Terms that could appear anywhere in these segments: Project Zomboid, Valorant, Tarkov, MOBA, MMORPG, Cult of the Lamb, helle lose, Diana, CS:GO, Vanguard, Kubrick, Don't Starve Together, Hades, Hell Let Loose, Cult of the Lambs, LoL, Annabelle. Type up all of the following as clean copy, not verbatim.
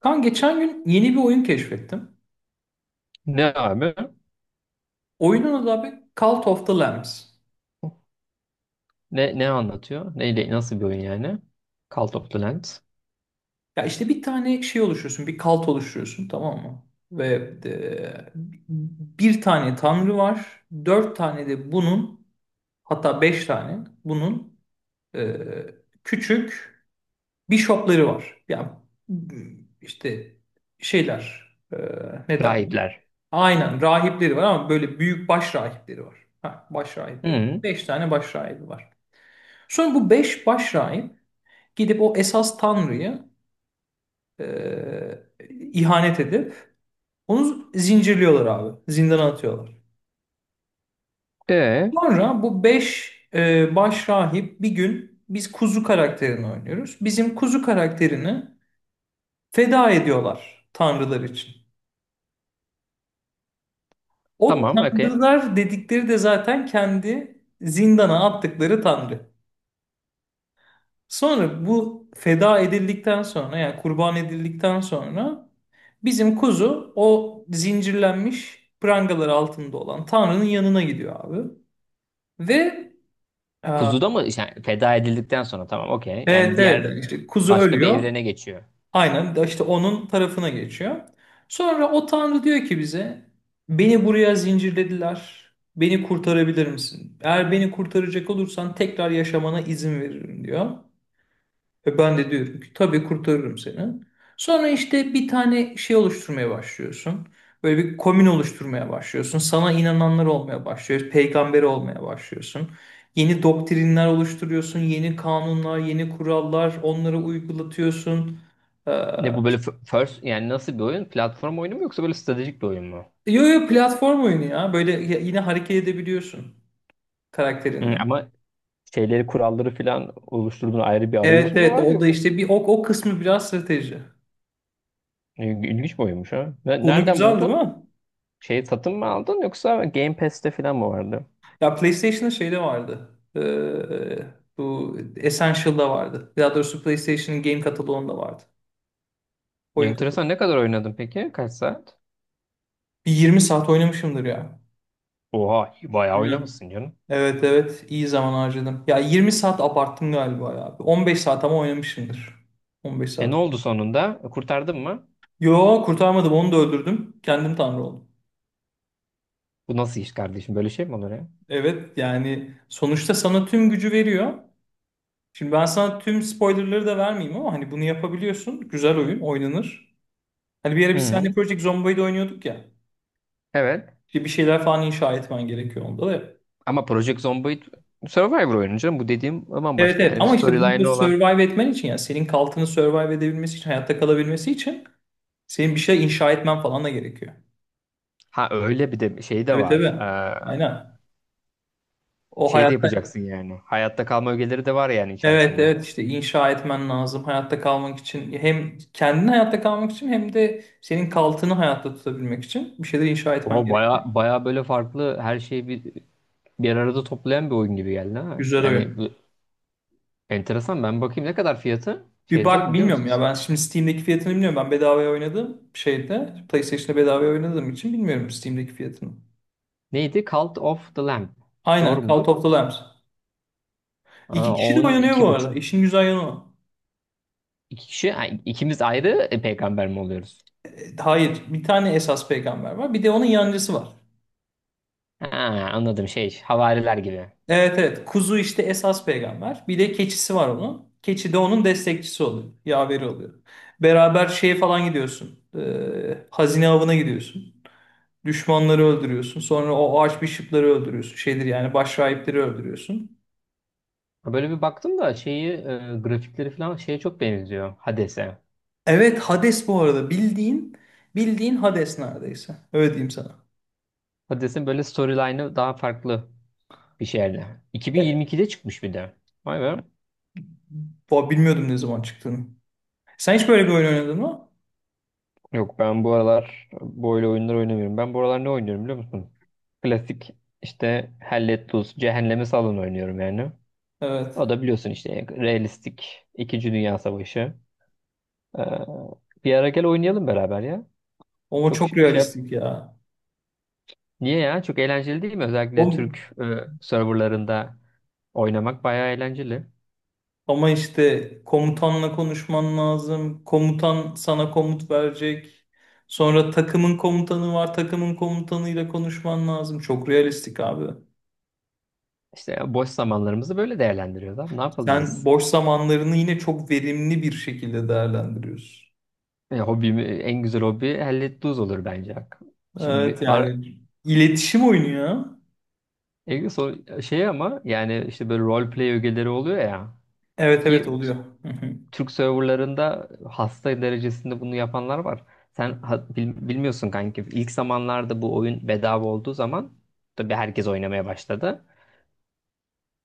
Kan geçen gün yeni bir oyun keşfettim. Ne abi? Oyunun adı abi Cult of the Lambs. Ne anlatıyor? Neyle, nasıl bir oyun yani? Cult of the Land. Ya işte bir tane şey oluşturuyorsun, bir kalt oluşturuyorsun, tamam mı? Ve e, bir tane tanrı var, dört tane de bunun, hatta beş tane bunun e, küçük bishopları var. Ya işte şeyler, ne derler? Rahipler. Aynen, rahipleri var ama böyle büyük baş rahipleri var. Ha, baş rahipleri Hı. var. Beş tane baş rahibi var. Sonra bu beş başrahip gidip o esas tanrıyı e, ihanet edip onu zincirliyorlar abi. Zindana atıyorlar. E, Sonra bu beş başrahip bir gün, biz kuzu karakterini oynuyoruz. Bizim kuzu karakterini feda ediyorlar tanrılar için. O tamam, okey. tanrılar dedikleri de zaten kendi zindana attıkları tanrı. Sonra bu feda edildikten sonra, yani kurban edildikten sonra, bizim kuzu o zincirlenmiş prangalar altında olan Tanrı'nın yanına gidiyor abi. Ve e, Kuzuda mı? Yani feda edildikten sonra tamam, okey. Yani evet, evet, diğer yani işte kuzu başka bir ölüyor. evrene geçiyor. Aynen, de işte onun tarafına geçiyor. Sonra o Tanrı diyor ki bize, beni buraya zincirlediler. Beni kurtarabilir misin? Eğer beni kurtaracak olursan tekrar yaşamana izin veririm, diyor. Ve ben de diyorum ki, tabii kurtarırım seni. Sonra işte bir tane şey oluşturmaya başlıyorsun. Böyle bir komün oluşturmaya başlıyorsun. Sana inananlar olmaya başlıyor. Peygamber olmaya başlıyorsun. Yeni doktrinler oluşturuyorsun. Yeni kanunlar, yeni kurallar. Onları uygulatıyorsun. Ee, Ne bu böyle first yani nasıl bir oyun? Platform oyunu mu yoksa böyle stratejik bir oyun mu? yo, yo, platform oyunu ya. Böyle yine hareket edebiliyorsun Hı, karakterinle. ama şeyleri kuralları falan oluşturduğun ayrı bir Evet, arayüz mü evet. var O da yok? işte bir o kısmı biraz strateji. İlginç bir oyunmuş ha. Konu Nereden güzel değil buldun? mi? Şeyi satın mı aldın yoksa Game Pass'te falan mı vardı? Ya PlayStation'ın şeyde vardı. Bu Essential'da vardı. Daha doğrusu PlayStation'ın game kataloğunda vardı. Oyun kataloğu. Enteresan, ne kadar oynadın peki? Kaç saat? Bir 20 saat oynamışımdır ya. Oha bayağı Hı. oynamışsın canım. Evet, evet, iyi zaman harcadım. Ya 20 saat abarttım galiba ya. 15 saat ama oynamışımdır. 15 E ne saat. oldu sonunda? Kurtardın mı? Yo, kurtarmadım, onu da öldürdüm. Kendim tanrı oldum. Bu nasıl iş kardeşim? Böyle şey mi olur ya? Evet, yani sonuçta sana tüm gücü veriyor. Şimdi ben sana tüm spoilerları da vermeyeyim ama hani bunu yapabiliyorsun. Güzel oyun oynanır. Hani bir ara bir sahne Hı, Project Zomboid'i oynuyorduk ya. evet. İşte bir şeyler falan inşa etmen gerekiyor onda da. Ama Project Zomboid Survivor oyunu canım. Bu dediğim Evet, bambaşka evet, yani. Bir ama işte bunu da storyline'ı olan. survive etmen için, yani senin kaltını survive edebilmesi için, hayatta kalabilmesi için, senin bir şey inşa etmen falan da gerekiyor. Ha, öyle bir de şey de Tabii, var. tabii. Aynen. O Şey de hayatta, yapacaksın yani. Hayatta kalma ögeleri de var yani evet, içerisinde. evet, işte inşa etmen lazım hayatta kalmak için, hem kendin hayatta kalmak için hem de senin kaltını hayatta tutabilmek için bir şeyler inşa etmen Oha baya gerekiyor. baya böyle farklı her şeyi bir arada toplayan bir oyun gibi geldi ha. Güzel Yani oyun. enteresan. Ben bakayım ne kadar fiyatı Bir şeyde, bak, biliyor bilmiyorum ya, musunuz? ben şimdi Steam'deki fiyatını bilmiyorum, ben bedavaya oynadım şeyde, PlayStation'da bedavaya oynadığım için bilmiyorum Steam'deki fiyatını. Neydi? Cult of the Lamb. Doğru Aynen, mudur? Cult of the Lambs. Aa, İki kişi on de oynanıyor bu iki arada. buçuk. İşin güzel yanı o. İki kişi, ha, ikimiz ayrı peygamber mi oluyoruz? Hayır, bir tane esas peygamber var. Bir de onun yancısı var. Ha, anladım şey, havariler gibi. Evet, evet. Kuzu işte esas peygamber. Bir de keçisi var onun. Keçi de onun destekçisi oluyor. Yaveri oluyor. Beraber şeye falan gidiyorsun. Hazine avına gidiyorsun. Düşmanları öldürüyorsun. Sonra o archbishop'ları öldürüyorsun. Şeydir yani, başrahipleri öldürüyorsun. Ha, böyle bir baktım da şeyi, grafikleri falan şeye çok benziyor Hades'e. Evet, Hades bu arada. Bildiğin bildiğin Hades neredeyse. Öyle diyeyim sana. Hades'in böyle storyline'ı daha farklı bir şeyde. E, 2022'de çıkmış bir de. Vay be. bilmiyordum ne zaman çıktığını. Sen hiç böyle bir oyun oynadın mı? Yok, ben bu aralar böyle oyunlar oynamıyorum. Ben bu aralar ne oynuyorum biliyor musun? Klasik işte Hell Let Cehenneme Salın oynuyorum yani. Evet. O da biliyorsun işte realistik İkinci Dünya Savaşı. Ee, Bir ara gel oynayalım beraber ya. Ama Çok çok şey yap. realistik ya. Niye ya? Çok eğlenceli değil mi? O, Özellikle Türk serverlarında oynamak bayağı eğlenceli. ama işte komutanla konuşman lazım. Komutan sana komut verecek. Sonra takımın komutanı var. Takımın komutanıyla konuşman lazım. Çok realistik abi. İşte boş zamanlarımızı böyle değerlendiriyoruz abi. Ne yapalım Sen biz? boş zamanlarını yine çok verimli bir şekilde değerlendiriyorsun. Hobimi, en güzel hobi hellet duz olur bence. Şimdi Evet, bir var yani iletişim oyunu ya. Egil, şey ama yani işte böyle role play ögeleri oluyor ya Evet, evet, ki oluyor. Hı hı. Türk serverlarında hasta derecesinde bunu yapanlar var. Sen bilmiyorsun kanki. İlk zamanlarda bu oyun bedava olduğu zaman tabii herkes oynamaya başladı.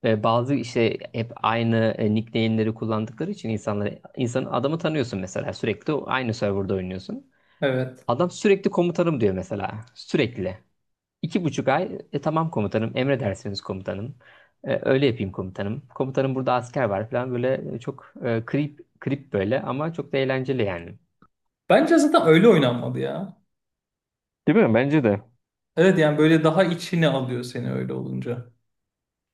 Ve bazı işte hep aynı nickname'leri kullandıkları için insanları, insan adamı tanıyorsun mesela, sürekli aynı serverda oynuyorsun. Evet. Adam sürekli komutanım diyor mesela. Sürekli. 2,5 ay. Tamam komutanım, emredersiniz komutanım. Öyle yapayım komutanım. Komutanım burada asker var falan böyle, çok krip krip, böyle ama çok da eğlenceli yani. Bence zaten öyle oynanmadı ya. Değil mi? Bence de. Evet, yani böyle daha içine alıyor seni öyle olunca.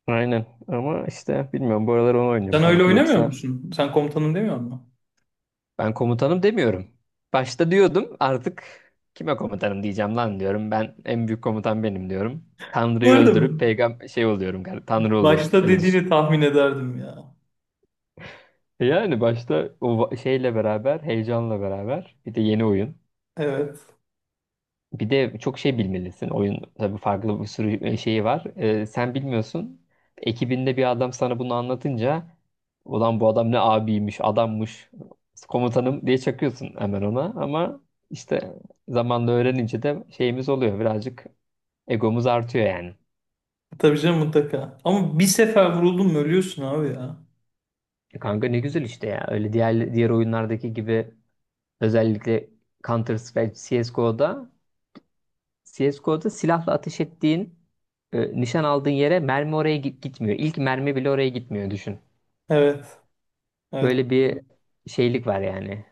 Aynen. Ama işte bilmiyorum. Bu aralar onu oynuyorum Sen öyle kanki. oynamıyor Yoksa musun? Sen komutanım demiyor musun? ben komutanım demiyorum. Başta diyordum, artık kime komutanım diyeceğim lan diyorum. Ben en büyük komutan benim diyorum. Tanrı'yı öldürüp Vardım. peygamber şey oluyorum galiba. Tanrı oluyorum. Başta Öyle düşün. dediğini tahmin ederdim ya. Yani başta o şeyle beraber, heyecanla beraber, bir de yeni oyun. Evet. Bir de çok şey bilmelisin. Oyun tabii farklı, bir sürü şeyi var. Sen bilmiyorsun. Ekibinde bir adam sana bunu anlatınca, ulan bu adam ne abiymiş, adammış, komutanım diye çakıyorsun hemen ona. Ama işte zamanla öğrenince de şeyimiz oluyor. Birazcık egomuz artıyor yani. Tabii canım mutlaka. Ama bir sefer vuruldun mu ölüyorsun abi ya. Kanka ne güzel işte ya. Öyle diğer diğer oyunlardaki gibi, özellikle Counter Strike, CS:GO'da CSGO'da silahla ateş ettiğin, nişan aldığın yere mermi oraya gitmiyor. İlk mermi bile oraya gitmiyor, düşün. Evet. Evet. Böyle bir şeylik var yani.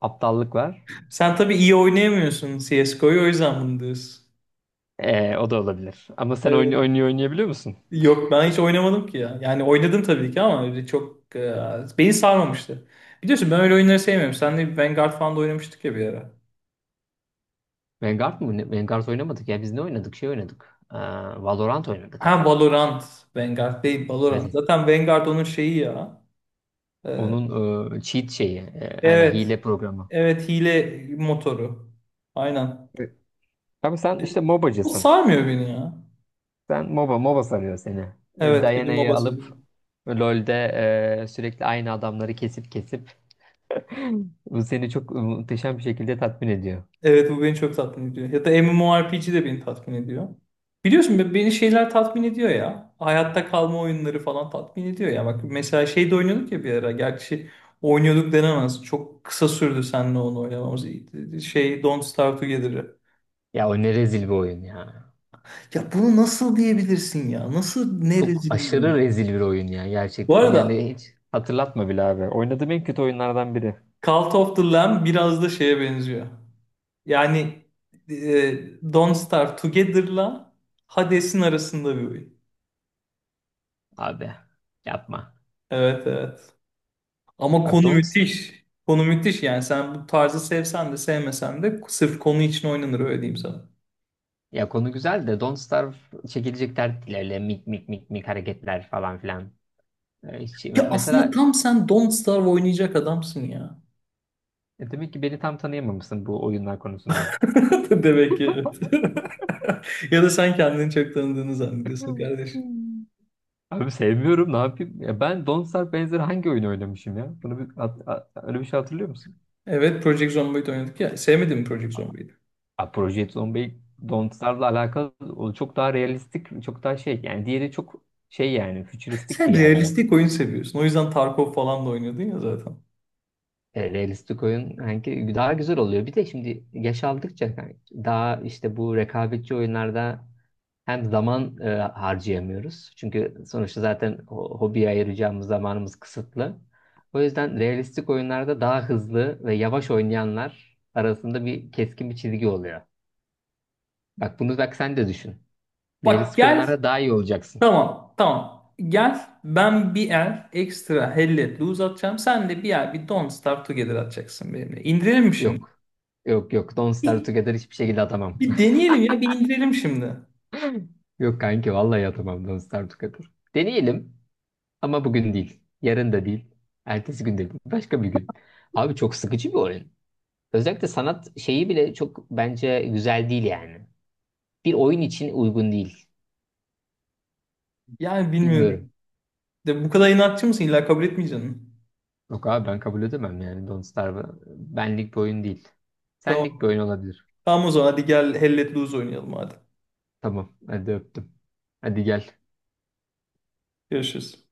Aptallık var. Sen tabii iyi oynayamıyorsun CSGO'yu, o yüzden bunu diyorsun. O da olabilir. Ama sen oyun Evet. oynayabiliyor musun? Yok, ben hiç oynamadım ki ya. Yani oynadım tabii ki ama öyle çok beni sarmamıştı. Biliyorsun, ben öyle oyunları sevmiyorum. Senle Vanguard falan da oynamıştık ya bir ara. Vanguard mı? Vanguard oynamadık ya. Biz ne oynadık? Şey oynadık. Valorant oynadık Ha, herhalde. Valorant. Vanguard değil Valorant. Evet. Zaten Vanguard onun şeyi ya. E, Onun cheat şeyi. Aynen, Evet. hile programı. Evet, hile motoru. Aynen. Evet. Ama sen işte Bu MOBA'cısın. sarmıyor beni ya. Sen MOBA sarıyor seni. Evet benim MOBA Diana'yı alıp söylüyor. LoL'de sürekli aynı adamları kesip kesip bu seni çok muhteşem bir şekilde tatmin ediyor. Evet, bu beni çok tatmin ediyor. Ya da MMORPG de beni tatmin ediyor. Biliyorsun, beni şeyler tatmin ediyor ya. Hayatta kalma oyunları falan tatmin ediyor ya. Bak mesela şey de oynuyorduk ya bir ara. Gerçi oynuyorduk denemez. Çok kısa sürdü seninle onu oynamamız. Şey Don't Starve Together'ı. Ya o ne rezil bir oyun ya. Ya bunu nasıl diyebilirsin ya? Nasıl ne Çok rezil bir aşırı oyun? rezil bir oyun ya Bu gerçekten. arada, Yani hiç hatırlatma bile abi. Oynadığım en kötü oyunlardan biri. Cult of the Lamb biraz da şeye benziyor. Yani Don't Starve Together'la Hades'in arasında bir oyun. Abi yapma. Evet, evet. Ama Bak konu Don't, müthiş. Konu müthiş yani, sen bu tarzı sevsen de sevmesen de sırf konu için oynanır, öyle diyeyim sana. ya konu güzel de Don't Starve çekilecek dert değil, öyle mik mik mik mik hareketler falan filan. Hiç, Ya aslında mesela tam sen Don't Starve oynayacak adamsın ya. Demek ki beni tam tanıyamamışsın bu oyunlar konusunda. Demek ki evet. Ya da sen kendini çok tanıdığını zannediyorsun Hmm. kardeşim. Hmm. Abi sevmiyorum, ne yapayım? Ya ben Don't Starve benzeri hangi oyunu oynamışım ya? Bunu öyle bir şey hatırlıyor musun? Evet, Project Zomboid oynadık ya. Sevmedin mi Project Zomboid'i? A, Project Zomboid Don't Starve'la alakalı, o çok daha realistik, çok daha şey yani, diğeri çok şey yani, fütüristik bir Sen yerde. realistik oyun seviyorsun. O yüzden Tarkov falan da oynuyordun ya zaten. Realistik oyun hangi daha güzel oluyor. Bir de şimdi yaş aldıkça kanki, daha işte bu rekabetçi oyunlarda hem zaman harcayamıyoruz. Çünkü sonuçta zaten hobiye ayıracağımız zamanımız kısıtlı. O yüzden realistik oyunlarda, daha hızlı ve yavaş oynayanlar arasında bir keskin bir çizgi oluyor. Bak bunu, bak sen de düşün. Bak, Realistik gel. oyunlarda daha iyi olacaksın. Tamam. Tamam. Gel. Ben bir el ekstra helle lose atacağım. Sen de bir el bir don't start together atacaksın benimle. İndirelim mi şimdi? Yok. Yok yok. Don't Starve Bir, Together hiçbir şekilde atamam. bir deneyelim ya. Bir indirelim şimdi. Yok kanki vallahi atamam Don't Starve Together. Deneyelim. Ama bugün değil. Yarın da değil. Ertesi gün de değil. Başka bir gün. Abi çok sıkıcı bir oyun. Özellikle sanat şeyi bile çok bence güzel değil yani. Bir oyun için uygun değil. Yani Bilmiyorum. bilmiyorum. De bu kadar inatçı mısın? İlla kabul etmeyeceksin. Yok abi ben kabul edemem yani, Don't Starve benlik bir oyun değil. Senlik bir Tamam. oyun olabilir. Tamam, o zaman hadi gel helle lose oynayalım hadi. Tamam hadi öptüm. Hadi gel. Görüşürüz.